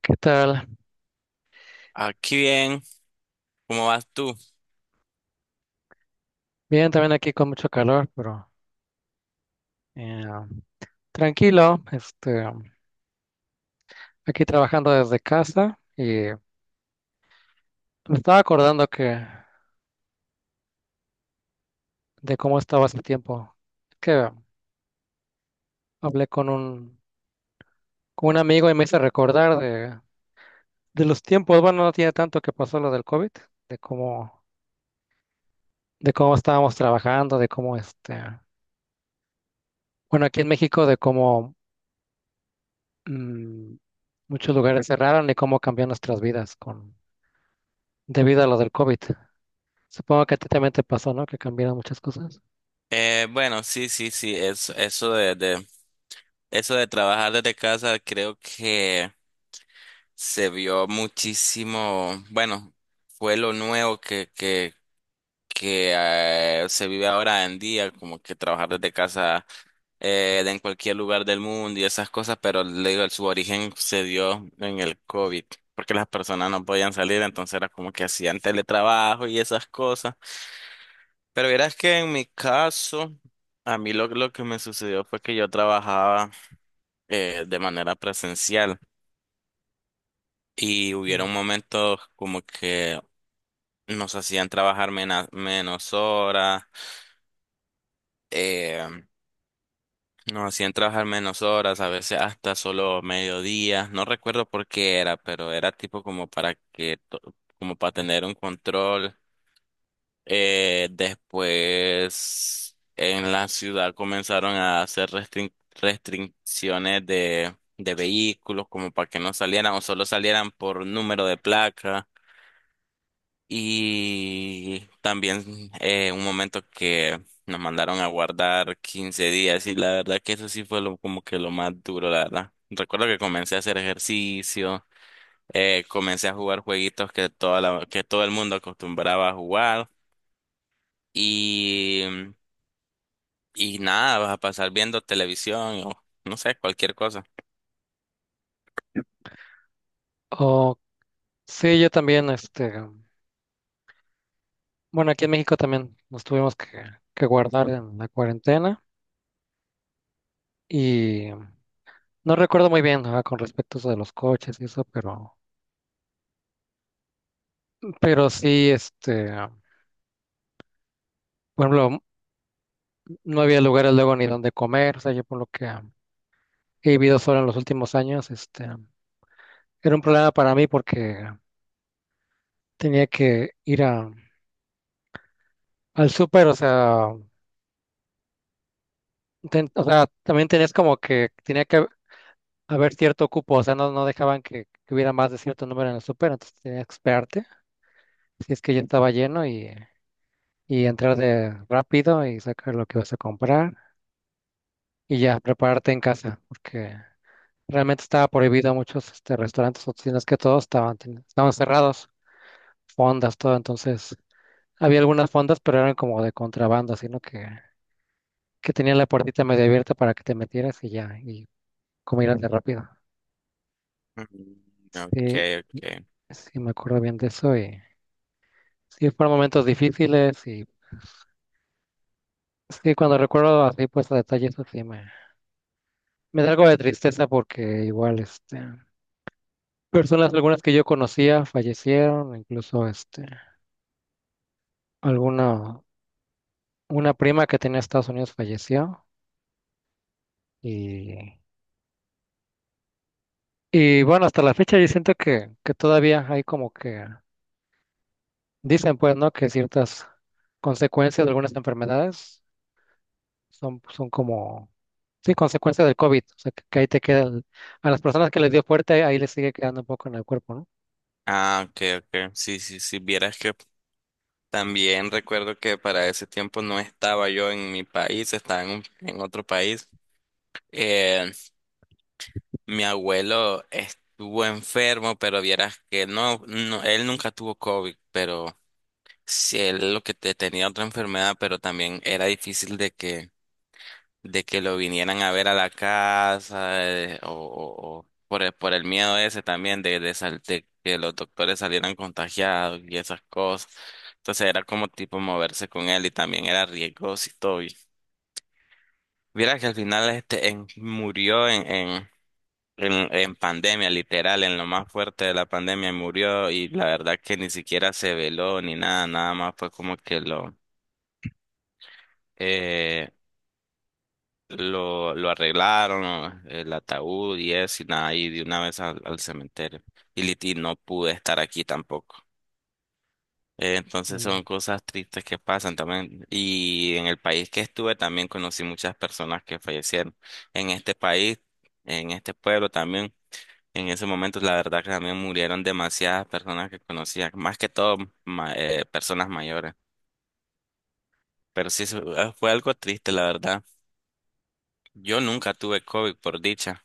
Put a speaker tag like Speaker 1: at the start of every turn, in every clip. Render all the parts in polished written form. Speaker 1: ¿Qué tal?
Speaker 2: Aquí bien, ¿cómo vas tú?
Speaker 1: Bien, también aquí con mucho calor, pero eh, tranquilo. Este, aquí trabajando desde casa y me estaba acordando que de cómo estaba hace tiempo. Que hablé con un amigo y me hice recordar de los tiempos. Bueno, no tiene tanto que pasó lo del COVID, de cómo de cómo estábamos trabajando, de cómo este, bueno, aquí en México de cómo mm, muchos lugares cerraron y cómo cambió nuestras vidas con debido a lo del COVID. Supongo que a ti también te pasó, ¿no? Que cambiaron muchas cosas.
Speaker 2: Bueno, sí, sí, sí, eso de trabajar desde casa creo que se vio muchísimo. Bueno, fue lo nuevo que se vive ahora en día, como que trabajar desde casa de en cualquier lugar del mundo y esas cosas, pero le digo, su origen se dio en el COVID, porque las personas no podían salir, entonces era como que hacían teletrabajo y esas cosas. Pero verás que en mi caso, a mí lo que me sucedió fue que yo trabajaba de manera presencial y
Speaker 1: Mm.
Speaker 2: hubieron momentos como que nos hacían trabajar menos horas. eh, Nos hacían trabajar menos horas, a veces hasta solo mediodía, no recuerdo por qué era, pero era tipo como para como para tener un control. Después en la ciudad comenzaron a hacer restricciones de vehículos como para que no salieran o solo salieran por número de placa. Y también un momento que nos mandaron a guardar 15 días, y la verdad que eso sí fue lo, como que lo más duro, la verdad. Recuerdo que comencé a hacer ejercicio, comencé a jugar jueguitos que, que todo el mundo acostumbraba a jugar. Y Y nada, vas a pasar viendo televisión o no sé, cualquier cosa.
Speaker 1: O sí, yo también, este, bueno, aquí en México también nos tuvimos que guardar en la cuarentena y no recuerdo muy bien, ah, con respecto a eso de los coches y eso, pero sí, este, por ejemplo, no había lugares luego ni donde comer, o sea, yo por lo que he vivido solo en los últimos años, este, era un problema para mí porque tenía que ir a, al súper, o sea, o sea, también tenías como que tenía que haber cierto cupo, o sea, no dejaban que hubiera más de cierto número en el súper, entonces tenías que esperarte, si es que ya estaba lleno y entrar de rápido y sacar lo que vas a comprar y ya prepararte en casa, porque realmente estaba prohibido muchos este, restaurantes o tiendas que todos estaban, estaban cerrados, fondas, todo, entonces había algunas fondas, pero eran como de contrabando, que tenían la puertita medio abierta para que te metieras y ya, y comieras de rápido.
Speaker 2: Mm. Ok,
Speaker 1: Sí,
Speaker 2: ok.
Speaker 1: sí, me acuerdo bien de eso y... Sí, fueron momentos difíciles y sí, cuando recuerdo así, pues a detalle eso sí me da algo de tristeza porque igual, este, personas algunas que yo conocía fallecieron, incluso, este, alguna, una prima que tenía en Estados Unidos falleció y, y bueno, hasta la fecha yo siento que todavía hay como que, dicen pues, ¿no? Que ciertas consecuencias de algunas enfermedades son como, sí, consecuencia del COVID. O sea, que ahí te queda, a las personas que les dio fuerte, ahí les sigue quedando un poco en el cuerpo,
Speaker 2: Ah, ok, ok. Sí, sí, sí, vieras que también recuerdo que para ese tiempo no estaba yo en mi país, estaba en otro país. Eh, Mi abuelo estuvo enfermo, pero vieras que no, no, él nunca tuvo COVID, pero sí, él lo que tenía otra enfermedad, pero también era difícil de que lo vinieran a ver a la casa, o por por el miedo ese también de que los doctores salieran contagiados y esas cosas. Entonces era como tipo moverse con él y también era riesgoso y todo. Y mira que al final este murió en pandemia, literal, en lo más fuerte de la pandemia murió y la verdad que ni siquiera se veló ni nada, nada más fue como que lo... eh, lo arreglaron, ¿no?, el ataúd y eso, y nada, y de una vez al, al cementerio. Y, y no pude estar aquí tampoco.
Speaker 1: ¿no?
Speaker 2: Entonces
Speaker 1: Mm.
Speaker 2: son cosas tristes que pasan también. Y en el país que estuve también conocí muchas personas que fallecieron. En este país, en este pueblo también, en ese momento la verdad que también murieron demasiadas personas que conocía, más que todo personas mayores. Pero sí, eso, fue algo triste, la verdad. Yo nunca tuve COVID, por dicha.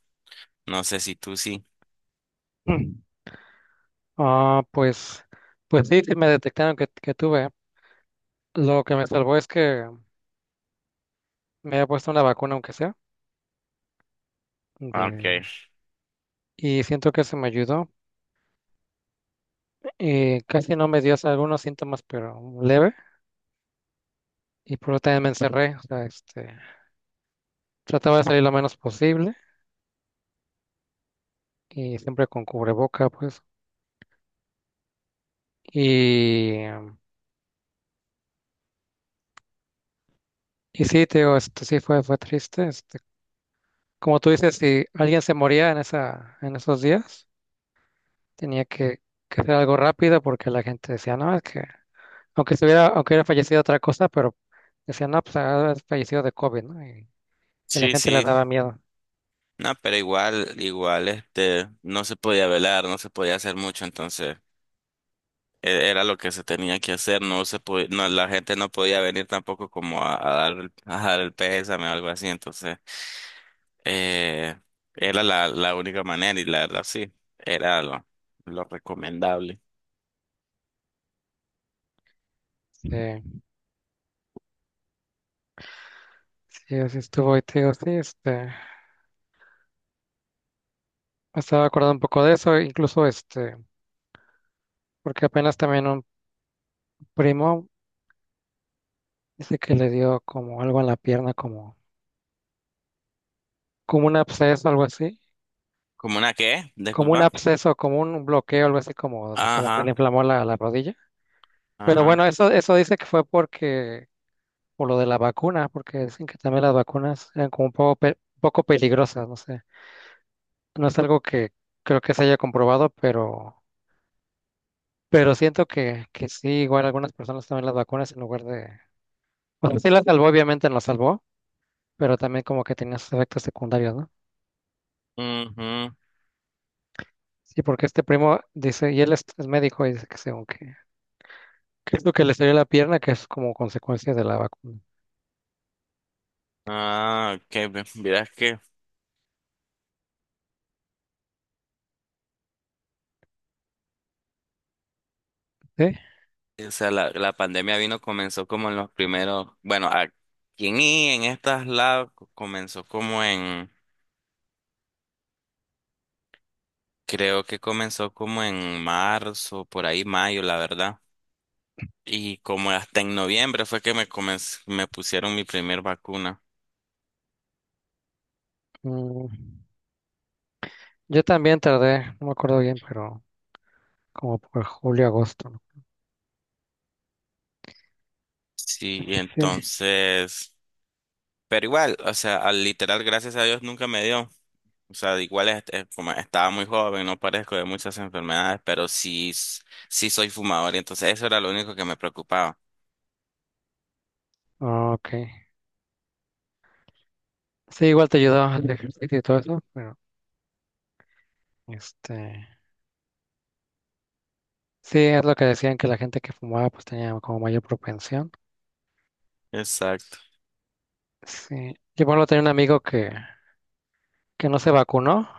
Speaker 2: No sé si tú sí.
Speaker 1: Ah, pues, pues sí, sí me detectaron que tuve. Lo que me salvó es que me había puesto una vacuna, aunque sea,
Speaker 2: Okay.
Speaker 1: de- y siento que eso me ayudó. Y casi no me dio o sea, algunos síntomas, pero leve. Y por eso también me encerré. O sea, este, trataba de salir lo menos posible y siempre con cubreboca, pues. Y y sí, te digo, esto sí fue triste. Este, como tú dices, si alguien se moría en esa, en esos días, tenía que hacer algo rápido porque la gente decía, no, es que, aunque estuviera, aunque hubiera fallecido otra cosa, pero decían, no, pues ha de haber fallecido de COVID, ¿no? Y la
Speaker 2: Sí,
Speaker 1: gente le
Speaker 2: sí.
Speaker 1: daba miedo.
Speaker 2: No, pero igual, igual, este, no se podía velar, no se podía hacer mucho, entonces era lo que se tenía que hacer, no se podía, no, la gente no podía venir tampoco como a dar, a dar el pésame o algo así, entonces eh, era la única manera y la verdad sí, era lo recomendable.
Speaker 1: Sí, sí, así estuvo, y te digo, sí, este, me estaba acordando un poco de eso, incluso este, porque apenas también un primo dice que le dio como algo en la pierna, como, como un absceso, algo así
Speaker 2: ¿Como una qué?
Speaker 1: como un
Speaker 2: Disculpa.
Speaker 1: absceso, como un bloqueo, algo así como, como que se le
Speaker 2: Ajá,
Speaker 1: inflamó la, la rodilla. Pero
Speaker 2: ajá.
Speaker 1: bueno, eso dice que fue porque, por lo de la vacuna, porque dicen que también las vacunas eran como un poco, pe- un poco peligrosas, no sé. No es algo que creo que se haya comprobado, pero siento que sí, igual algunas personas toman las vacunas en lugar de... O sea, sí las salvó, obviamente las salvó, pero también como que tenía sus efectos secundarios, ¿no?
Speaker 2: Ujú.
Speaker 1: Sí, porque este primo dice, y él es médico y dice que según que es lo que le salió en la pierna, que es como consecuencia de la vacuna.
Speaker 2: Ah, ok, verás que.
Speaker 1: Sí,
Speaker 2: O sea, la pandemia vino, comenzó como en los primeros, bueno, aquí I, en estas labs comenzó como en, creo que comenzó como en marzo, por ahí mayo, la verdad. Y como hasta en noviembre fue que me me pusieron mi primer vacuna.
Speaker 1: mm, yo también tardé, no me acuerdo bien, pero como por julio, agosto, ¿no?
Speaker 2: Sí, y
Speaker 1: Sí,
Speaker 2: entonces, pero igual, o sea, al literal, gracias a Dios nunca me dio. O sea, igual es como estaba muy joven, no parezco de muchas enfermedades, pero sí, sí soy fumador, y entonces eso era lo único que me preocupaba.
Speaker 1: ah, ok. Sí, igual te ayudó el ejercicio y todo eso, pero este, sí, es lo que decían que la gente que fumaba pues tenía como mayor propensión.
Speaker 2: Exacto.
Speaker 1: Sí, yo por ejemplo tenía un amigo que no se vacunó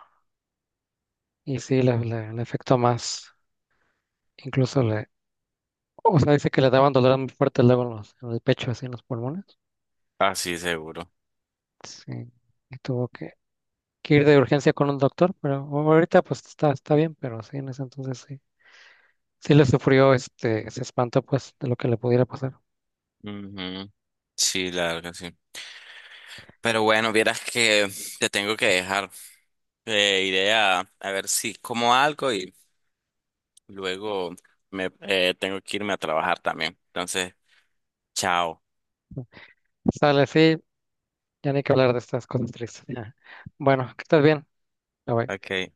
Speaker 1: y sí, le afectó más, incluso le, o sea, dice que le daban dolor muy fuerte luego en, en el pecho, así en los pulmones.
Speaker 2: Ah, sí, seguro.
Speaker 1: Sí, y tuvo que ir de urgencia con un doctor, pero bueno, ahorita pues está, está bien, pero sí, en ese entonces sí. Sí le sufrió, este, se espantó pues de lo que le pudiera pasar.
Speaker 2: Ujú. Sí, la verdad que sí. Pero bueno, vieras que te tengo que dejar. Iré a ver si como algo y luego me tengo que irme a trabajar también. Entonces, chao.
Speaker 1: Sale, sí, ya ni que hablar de estas cosas tristes. Ya. Bueno, que estés bien. Bye, bye.
Speaker 2: Ok.